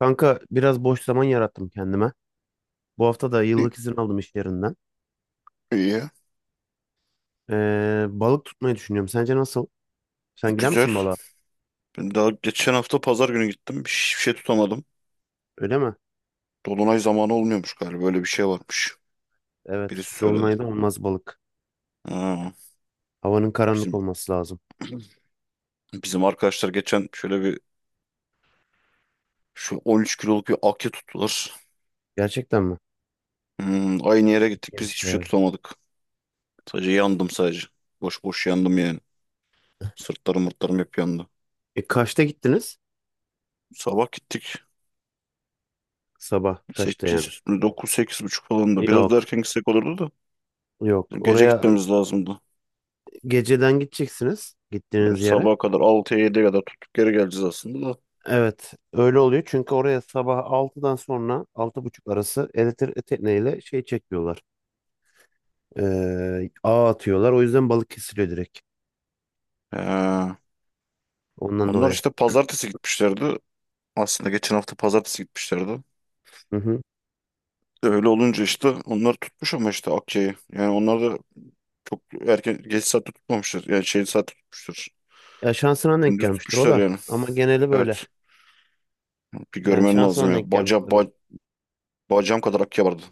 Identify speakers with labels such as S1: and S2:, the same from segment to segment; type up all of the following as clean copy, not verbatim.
S1: Kanka biraz boş zaman yarattım kendime. Bu hafta da
S2: İyi,
S1: yıllık izin aldım iş yerinden.
S2: iyi,
S1: Balık tutmayı düşünüyorum. Sence nasıl? Sen gider
S2: güzel.
S1: misin balığa?
S2: Ben daha geçen hafta pazar günü gittim. Hiçbir şey tutamadım.
S1: Öyle mi?
S2: Dolunay zamanı olmuyormuş galiba. Böyle bir şey varmış.
S1: Evet.
S2: Birisi söyledi.
S1: Dolunayda olmaz balık.
S2: Ha,
S1: Havanın karanlık
S2: bizim
S1: olması lazım.
S2: bizim arkadaşlar geçen şöyle bir şu 13 kiloluk bir akya tuttular.
S1: Gerçekten mi?
S2: Aynı yere gittik biz
S1: Yemiş
S2: hiçbir şey
S1: ya.
S2: tutamadık. Sadece yandım sadece. Boş boş yandım yani. Sırtlarım mırtlarım hep yandı.
S1: E kaçta gittiniz?
S2: Sabah gittik.
S1: Sabah kaçta yani?
S2: 8, 9, 8 buçuk falandı. Biraz da
S1: Yok.
S2: erken gitsek olurdu da.
S1: Yok.
S2: Bizim gece
S1: Oraya
S2: gitmemiz lazımdı.
S1: geceden gideceksiniz.
S2: E,
S1: Gittiğiniz yere.
S2: Sabaha kadar 6'ya 7'ye kadar tutup geri geleceğiz aslında da.
S1: Evet. Öyle oluyor. Çünkü oraya sabah altıdan sonra altı buçuk arası elektrik tekneyle şey çekiyorlar. Ağ atıyorlar. O yüzden balık kesiliyor direkt.
S2: He.
S1: Ondan
S2: Onlar
S1: dolayı.
S2: işte pazartesi gitmişlerdi. Aslında geçen hafta pazartesi gitmişlerdi.
S1: Hı hı.
S2: Öyle olunca işte onlar tutmuş ama işte Akya'yı. Yani onlar da çok erken geç saatte tutmamışlar. Yani şey saatte tutmuşlar.
S1: Ya şansına denk
S2: Gündüz
S1: gelmiştir o
S2: tutmuşlar
S1: da.
S2: yani.
S1: Ama geneli böyle.
S2: Evet. Bir
S1: Yani
S2: görmen lazım
S1: şansına
S2: ya.
S1: denk gelmiştir o.
S2: Bacağım kadar Akya vardı.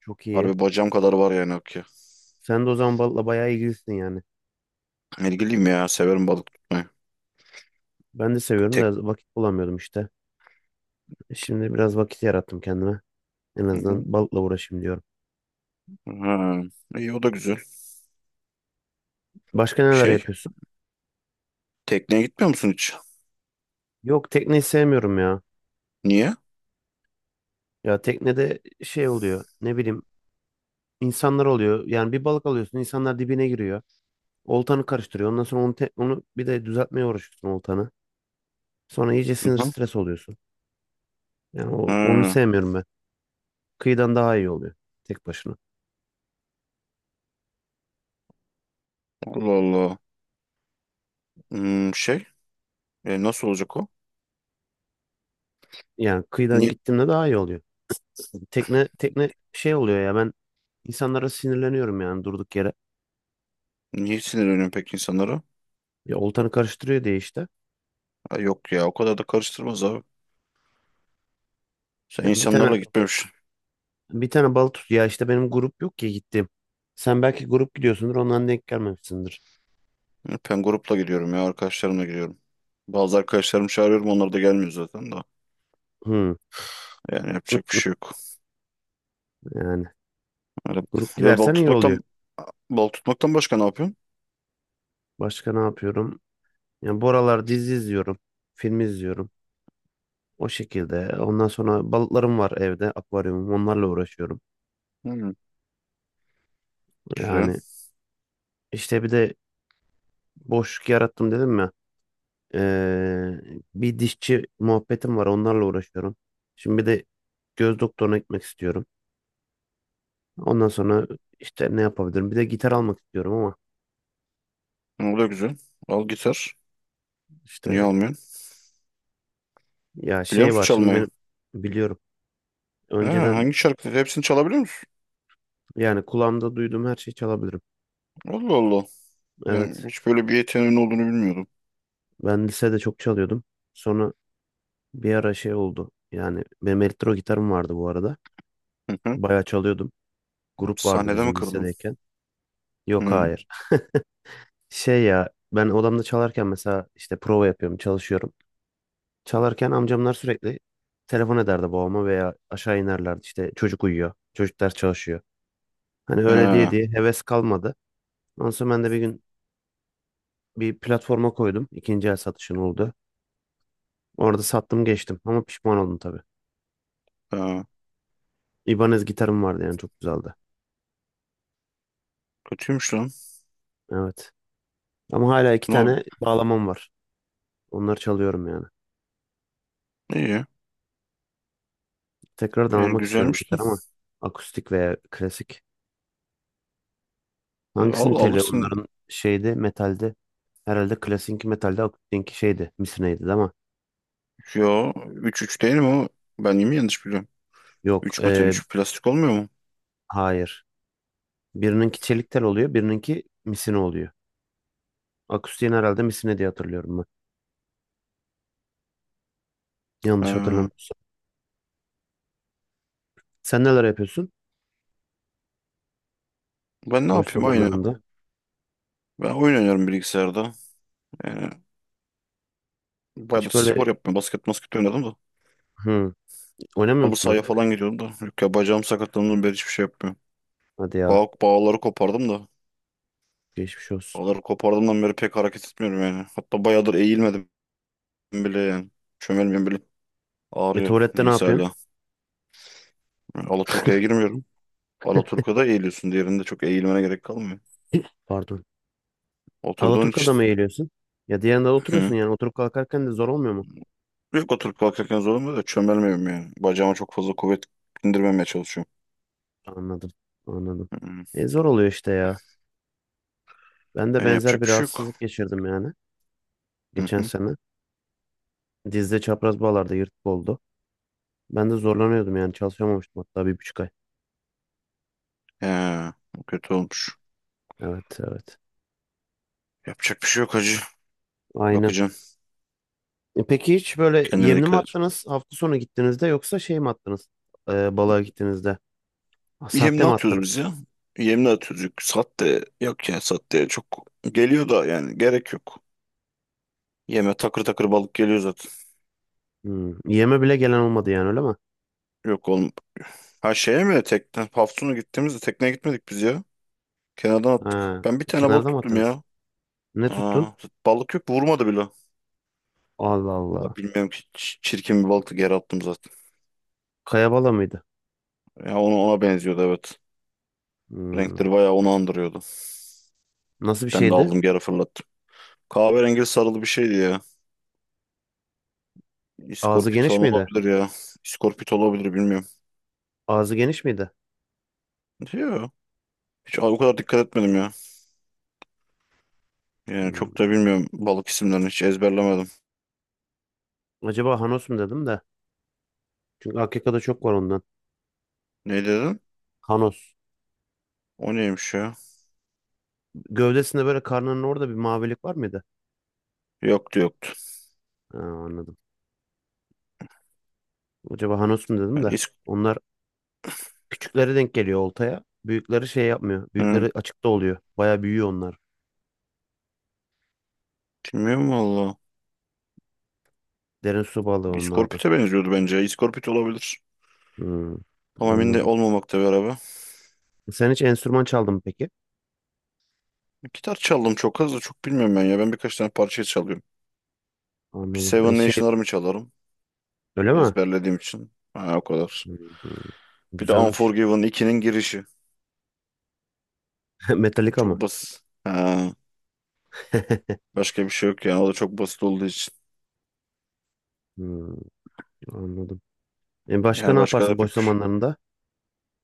S1: Çok iyi.
S2: Harbi bacağım kadar var yani Akya.
S1: Sen de o zaman balıkla bayağı ilgilisin yani.
S2: İlgiliyim ya. Severim balık tutmayı.
S1: Ben de seviyorum
S2: Tek.
S1: da vakit bulamıyordum işte. Şimdi biraz vakit yarattım kendime. En
S2: Hı hı.
S1: azından balıkla uğraşayım diyorum.
S2: Ha. İyi, o da güzel.
S1: Başka neler
S2: Şey.
S1: yapıyorsun?
S2: Tekneye gitmiyor musun hiç?
S1: Yok tekneyi sevmiyorum ya.
S2: Niye?
S1: Ya teknede şey oluyor. Ne bileyim insanlar oluyor. Yani bir balık alıyorsun insanlar dibine giriyor. Oltanı karıştırıyor. Ondan sonra onu, onu bir de düzeltmeye uğraşıyorsun oltanı. Sonra iyice sinir stres oluyorsun. Yani o, onu
S2: Ha,
S1: sevmiyorum ben. Kıyıdan daha iyi oluyor tek başına.
S2: Allah Allah. Hmm, şey nasıl olacak o?
S1: Yani kıyıdan
S2: Niye,
S1: gittiğimde daha iyi oluyor. Tekne şey oluyor ya ben insanlara sinirleniyorum yani durduk yere.
S2: niye sinirleniyorsun peki insanlara?
S1: Ya oltanı karıştırıyor diye işte.
S2: Ha, yok ya o kadar da karıştırmaz abi. Sen
S1: Yani bir tane
S2: insanlarla gitmemişsin.
S1: bir tane balık tut ya işte benim grup yok ki gittim. Sen belki grup gidiyorsundur ondan denk gelmemişsindir.
S2: Ben grupla gidiyorum ya, arkadaşlarımla gidiyorum. Bazı arkadaşlarımı çağırıyorum, onlar da gelmiyor zaten da.
S1: Hı,
S2: Yani yapacak bir şey yok.
S1: yani
S2: Öyle,
S1: grup
S2: öyle balık
S1: gidersen iyi oluyor.
S2: tutmaktan başka ne yapıyorsun?
S1: Başka ne yapıyorum? Yani bu aralar dizi izliyorum. Film izliyorum. O şekilde. Ondan sonra balıklarım var evde, akvaryumum. Onlarla uğraşıyorum.
S2: Hmm, güzel.
S1: Yani işte bir de boşluk yarattım dedim ya. Ee, Bir dişçi muhabbetim var. Onlarla uğraşıyorum. Şimdi bir de göz doktoruna gitmek istiyorum. Ondan sonra işte ne yapabilirim? Bir de gitar almak istiyorum ama
S2: O da güzel. Al gitar. Niye
S1: işte
S2: almıyorsun?
S1: ya
S2: Biliyor
S1: şey
S2: musun
S1: var şimdi
S2: çalmayı?
S1: benim biliyorum.
S2: Ha,
S1: Önceden
S2: hangi şarkı? Hepsini çalabiliyor musun?
S1: yani kulağımda duyduğum her şeyi çalabilirim.
S2: Allah Allah. Ben
S1: Evet.
S2: hiç böyle bir yeteneğin olduğunu bilmiyordum.
S1: Ben lisede çok çalıyordum. Sonra bir ara şey oldu. Yani benim elektro gitarım vardı bu arada. Bayağı çalıyordum. Grup vardı
S2: Sahnede mi
S1: bizim
S2: kırdın?
S1: lisedeyken. Yok
S2: Hı.
S1: hayır. Şey ya ben odamda çalarken mesela işte prova yapıyorum, çalışıyorum. Çalarken amcamlar sürekli telefon ederdi babama veya aşağı inerlerdi. İşte çocuk uyuyor, çocuklar çalışıyor. Hani öyle diye
S2: Ha,
S1: diye heves kalmadı. Ondan sonra ben de bir gün bir platforma koydum. İkinci el satışın oldu. Orada sattım geçtim ama pişman oldum tabii.
S2: ha.
S1: İbanez gitarım vardı yani çok güzeldi.
S2: Kötüymüş lan.
S1: Evet. Ama hala iki
S2: Ama
S1: tane bağlamam var. Onları çalıyorum yani.
S2: iyi.
S1: Tekrardan
S2: Yani
S1: almak istiyorum
S2: güzelmiş.
S1: gitar ama akustik veya klasik.
S2: Al,
S1: Hangisini tele
S2: alırsın.
S1: onların şeydi metalde herhalde klasikki metalde akustikki şeydi misineydi değil mi?
S2: Yo, 3 3 değil mi o? Ben mi yanlış biliyorum?
S1: Yok
S2: Üç metal
S1: ee,
S2: üç plastik olmuyor mu?
S1: hayır. Birininki çelik tel oluyor birininki misine oluyor. Akustiğin herhalde misine diye hatırlıyorum ben. Yanlış
S2: Ha.
S1: hatırlamıyorsam. Sen neler yapıyorsun
S2: Ben ne
S1: boş
S2: yapayım, aynı.
S1: zamanlarında?
S2: Ben oyun oynarım bilgisayarda. Yani bayağı
S1: Hiç böyle
S2: spor yapmıyorum. Basket basket oynadım da.
S1: hı, oynamıyor
S2: Halı
S1: musun
S2: sahaya
S1: artık?
S2: falan gidiyordum da. Yok ya, bacağım sakatlandığından beri hiçbir şey yapmıyorum.
S1: Hadi ya
S2: Bağları kopardım da.
S1: geçmiş olsun.
S2: Bağları kopardığımdan beri pek hareket etmiyorum yani. Hatta bayağıdır eğilmedim bile yani. Çömelmiyorum bile.
S1: E
S2: Ağrıyor.
S1: tuvalette ne
S2: Neyse
S1: yapıyorsun?
S2: hala. Alaturka'ya girmiyorum. Alaturka'da eğiliyorsun. Diğerinde çok eğilmene gerek kalmıyor.
S1: Pardon.
S2: Oturduğun
S1: Alaturka'da
S2: için.
S1: mı eğiliyorsun? Ya diğerinde oturuyorsun
S2: Hı.
S1: yani oturup kalkarken de zor olmuyor mu?
S2: Yok, oturup kalkarken zorlanmıyor da çömelmiyorum yani. Bacağıma çok fazla kuvvet indirmemeye çalışıyorum.
S1: Anladım. Anladım.
S2: Hı hı.
S1: E, zor oluyor işte ya. Ben de
S2: Yani
S1: benzer
S2: yapacak
S1: bir
S2: bir şey yok.
S1: rahatsızlık geçirdim yani.
S2: Hı
S1: Geçen
S2: hı.
S1: sene. Dizde çapraz bağlarda yırtık oldu. Ben de zorlanıyordum yani çalışamamıştım hatta bir buçuk ay.
S2: He, o kötü olmuş.
S1: Evet evet.
S2: Yapacak bir şey yok hacı.
S1: Aynen.
S2: Bakacağım.
S1: E, peki hiç böyle
S2: Kendine
S1: yemli mi
S2: dikkat et.
S1: attınız hafta sonu gittiğinizde yoksa şey mi attınız? E, balığa gittiğinizde. Ha,
S2: Yem
S1: Sahte
S2: ne
S1: mi
S2: atıyoruz biz
S1: attınız?
S2: ya? Yem ne atıyoruz? Yok, sat de yok ya, sat de çok geliyor da, yani gerek yok. Yeme takır takır balık geliyor zaten.
S1: Hmm. Yeme bile gelen olmadı yani öyle mi?
S2: Yok, olmaz. Ha, şeye mi? Hafsun'a gittiğimizde tekneye gitmedik biz ya. Kenardan attık.
S1: Ha,
S2: Ben bir tane balık
S1: kenarda mı
S2: tuttum
S1: attınız?
S2: ya.
S1: Ne
S2: Aa,
S1: tuttun?
S2: balık yok, vurmadı bile.
S1: Allah Allah.
S2: Vallahi bilmiyorum ki, çirkin bir balıktı, geri attım zaten.
S1: Kaya bala mıydı?
S2: Ya ona benziyordu, evet.
S1: Hmm.
S2: Renkleri bayağı onu andırıyordu.
S1: Nasıl bir
S2: Ben de
S1: şeydi?
S2: aldım, geri fırlattım. Kahverengi sarılı bir şeydi ya.
S1: Ağzı
S2: İskorpit
S1: geniş
S2: falan
S1: miydi?
S2: olabilir ya. İskorpit olabilir, bilmiyorum.
S1: Ağzı geniş miydi?
S2: Yok. Hiç o kadar dikkat etmedim ya. Yani çok
S1: Hmm.
S2: da bilmiyorum, balık isimlerini hiç ezberlemedim.
S1: Acaba Hanos mu dedim de. Çünkü AKK'da çok var ondan.
S2: Ne dedin?
S1: Hanos.
S2: O neymiş ya?
S1: Gövdesinde böyle karnının orada bir mavilik var mıydı?
S2: Yoktu, yoktu.
S1: Ha, anladım. Acaba Hanos mu dedim
S2: Yani
S1: de.
S2: is-
S1: Onlar küçükleri denk geliyor oltaya. Büyükleri şey yapmıyor.
S2: Hı.
S1: Büyükleri açıkta oluyor. Baya büyüyor onlar.
S2: Bilmiyorum valla.
S1: Derin su balığı onlar da.
S2: İskorpit'e benziyordu bence. İskorpit olabilir.
S1: Hmm,
S2: Ama emin de
S1: anladım.
S2: olmamakta bir araba.
S1: Sen hiç enstrüman çaldın mı peki?
S2: Gitar çaldım çok az, da çok bilmiyorum ben ya. Ben birkaç tane parça çalıyorum.
S1: Anladım. E
S2: Seven
S1: şey
S2: Nation Army çalarım.
S1: öyle mi?
S2: Ezberlediğim için. Ha, o kadar.
S1: Hmm,
S2: Bir de
S1: güzelmiş.
S2: Unforgiven ikinin girişi. O
S1: Metallica mı?
S2: çok basit. Ha, başka bir şey yok yani. O da çok basit olduğu için.
S1: Hmm, anladım. E başka
S2: Yani
S1: ne
S2: başka da
S1: yaparsın boş
S2: pek bir şey.
S1: zamanlarında?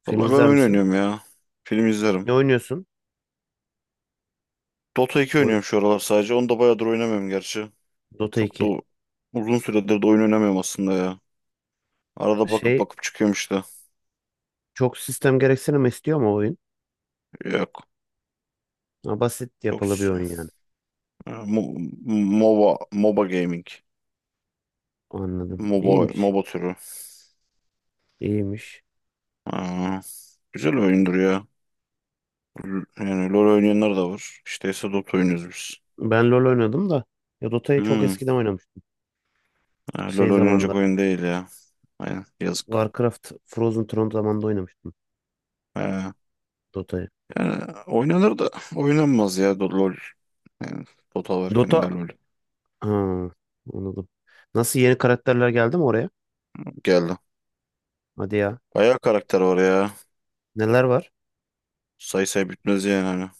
S1: Film
S2: Valla ben
S1: izler
S2: oyun
S1: misin?
S2: oynuyorum ya. Film
S1: Ne
S2: izlerim.
S1: oynuyorsun?
S2: Dota 2
S1: Oy-
S2: oynuyorum şu aralar sadece. Onu da bayağıdır oynamıyorum gerçi.
S1: Dota
S2: Çok da
S1: 2.
S2: uzun süredir de oyun oynamıyorum aslında ya. Arada bakıp
S1: Şey
S2: bakıp çıkıyormuş da.
S1: çok sistem gereksinimi istiyor ama oyun.
S2: Yok.
S1: Ha, basit
S2: Çok
S1: yapılı bir
S2: s-
S1: oyun yani.
S2: e, Mo- MOBA, MOBA Gaming.
S1: Anladım.
S2: MOBA,
S1: İyiymiş.
S2: MOBA türü.
S1: İyiymiş.
S2: Ha, güzel oyundur ya. Yani LoL oynayanlar da var. İşte ise Dota oynuyoruz biz.
S1: Ben LoL oynadım da ya Dota'yı çok
S2: Hmm.
S1: eskiden oynamıştım.
S2: Ha, LoL
S1: Şey
S2: oynayacak
S1: zamanda
S2: oyun değil ya. Aynen. Yazık.
S1: Warcraft Frozen Throne zamanında oynamıştım
S2: Ha,
S1: Dota'yı.
S2: yani oynanır da oynanmaz ya LoL. Yani Dota varken de
S1: Dota
S2: LoL.
S1: ha, anladım. Nasıl yeni karakterler geldi mi oraya?
S2: Geldi.
S1: Hadi ya.
S2: Bayağı karakter var ya.
S1: Neler var?
S2: Say say bitmez yani hani.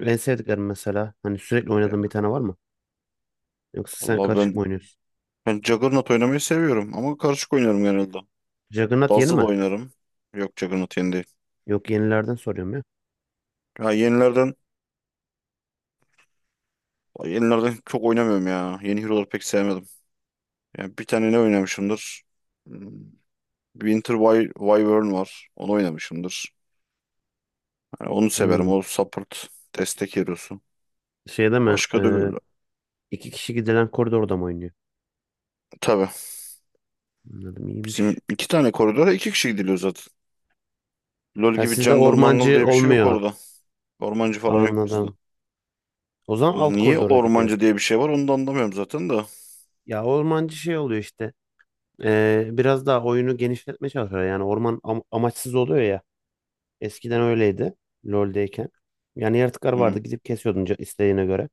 S1: En sevdiklerim mesela. Hani sürekli
S2: Ya,
S1: oynadığın bir tane var mı? Yoksa sen
S2: vallahi
S1: karışık
S2: ben
S1: mı oynuyorsun?
S2: ben Juggernaut oynamayı seviyorum ama karışık oynarım genelde.
S1: Juggernaut yeni
S2: Dazzle
S1: mi?
S2: oynarım. Yok, Juggernaut yeni değil.
S1: Yok yenilerden soruyorum ya.
S2: Ya yenilerden çok oynamıyorum ya. Yeni hero'ları pek sevmedim. Yani bir tane ne oynamışımdır? Hmm, Winter Wyvern var. Onu oynamışımdır. Yani onu severim.
S1: Hmm.
S2: O support, destek hero'su.
S1: Şeyde mi?
S2: Başka da böyle.
S1: İki kişi gidilen koridorda mı oynuyor?
S2: Tabii.
S1: Anladım
S2: Bizim
S1: iyiymiş.
S2: iki tane koridora iki kişi gidiliyor zaten. LoL
S1: Ha
S2: gibi
S1: sizde
S2: jungle mangle
S1: ormancı
S2: diye bir şey yok
S1: olmuyor.
S2: orada. Ormancı falan yok bizde.
S1: Anladım. O zaman alt
S2: Niye
S1: koridora gidiyor.
S2: ormancı diye bir şey var, onu da anlamıyorum zaten de.
S1: Ya ormancı şey oluyor işte. Biraz daha oyunu genişletmeye çalışıyor. Yani orman amaçsız oluyor ya. Eskiden öyleydi. LoL'deyken. Yani yaratıklar
S2: Hmm.
S1: vardı gidip kesiyordun isteğine göre.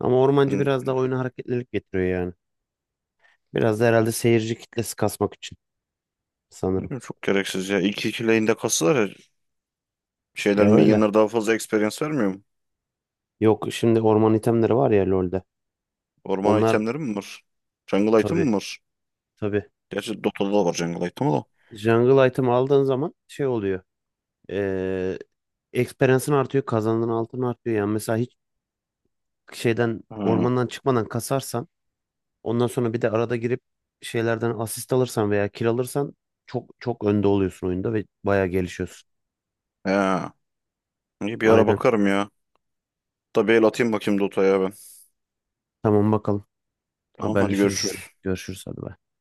S1: Ama ormancı biraz
S2: Bilmiyorum.
S1: daha oyuna hareketlilik getiriyor yani. Biraz da herhalde seyirci kitlesi kasmak için sanırım.
S2: Çok gereksiz ya. İlk iki lane'de kasılar ya.
S1: Ya öyle.
S2: Minyonlar daha fazla experience vermiyor mu?
S1: Yok şimdi orman itemleri var ya LoL'de.
S2: Orman
S1: Onlar
S2: itemleri mi var? Jungle item mi
S1: Tabii
S2: var?
S1: tabii.
S2: Gerçi Dota'da da var jungle item, o da.
S1: Jungle item aldığın zaman şey oluyor. Eee Experience'ın artıyor. Kazandığın altın artıyor. Yani mesela hiç şeyden
S2: Ha.
S1: ormandan çıkmadan kasarsan ondan sonra bir de arada girip şeylerden asist alırsan veya kill alırsan çok çok önde oluyorsun oyunda ve bayağı gelişiyorsun.
S2: He. İyi, bir ara
S1: Aynen.
S2: bakarım ya. Da bir el atayım, bakayım Dota'ya ben.
S1: Tamam bakalım.
S2: Tamam, hadi
S1: Haberleşiriz
S2: görüşürüz.
S1: gene. Görüşürüz hadi. Bay.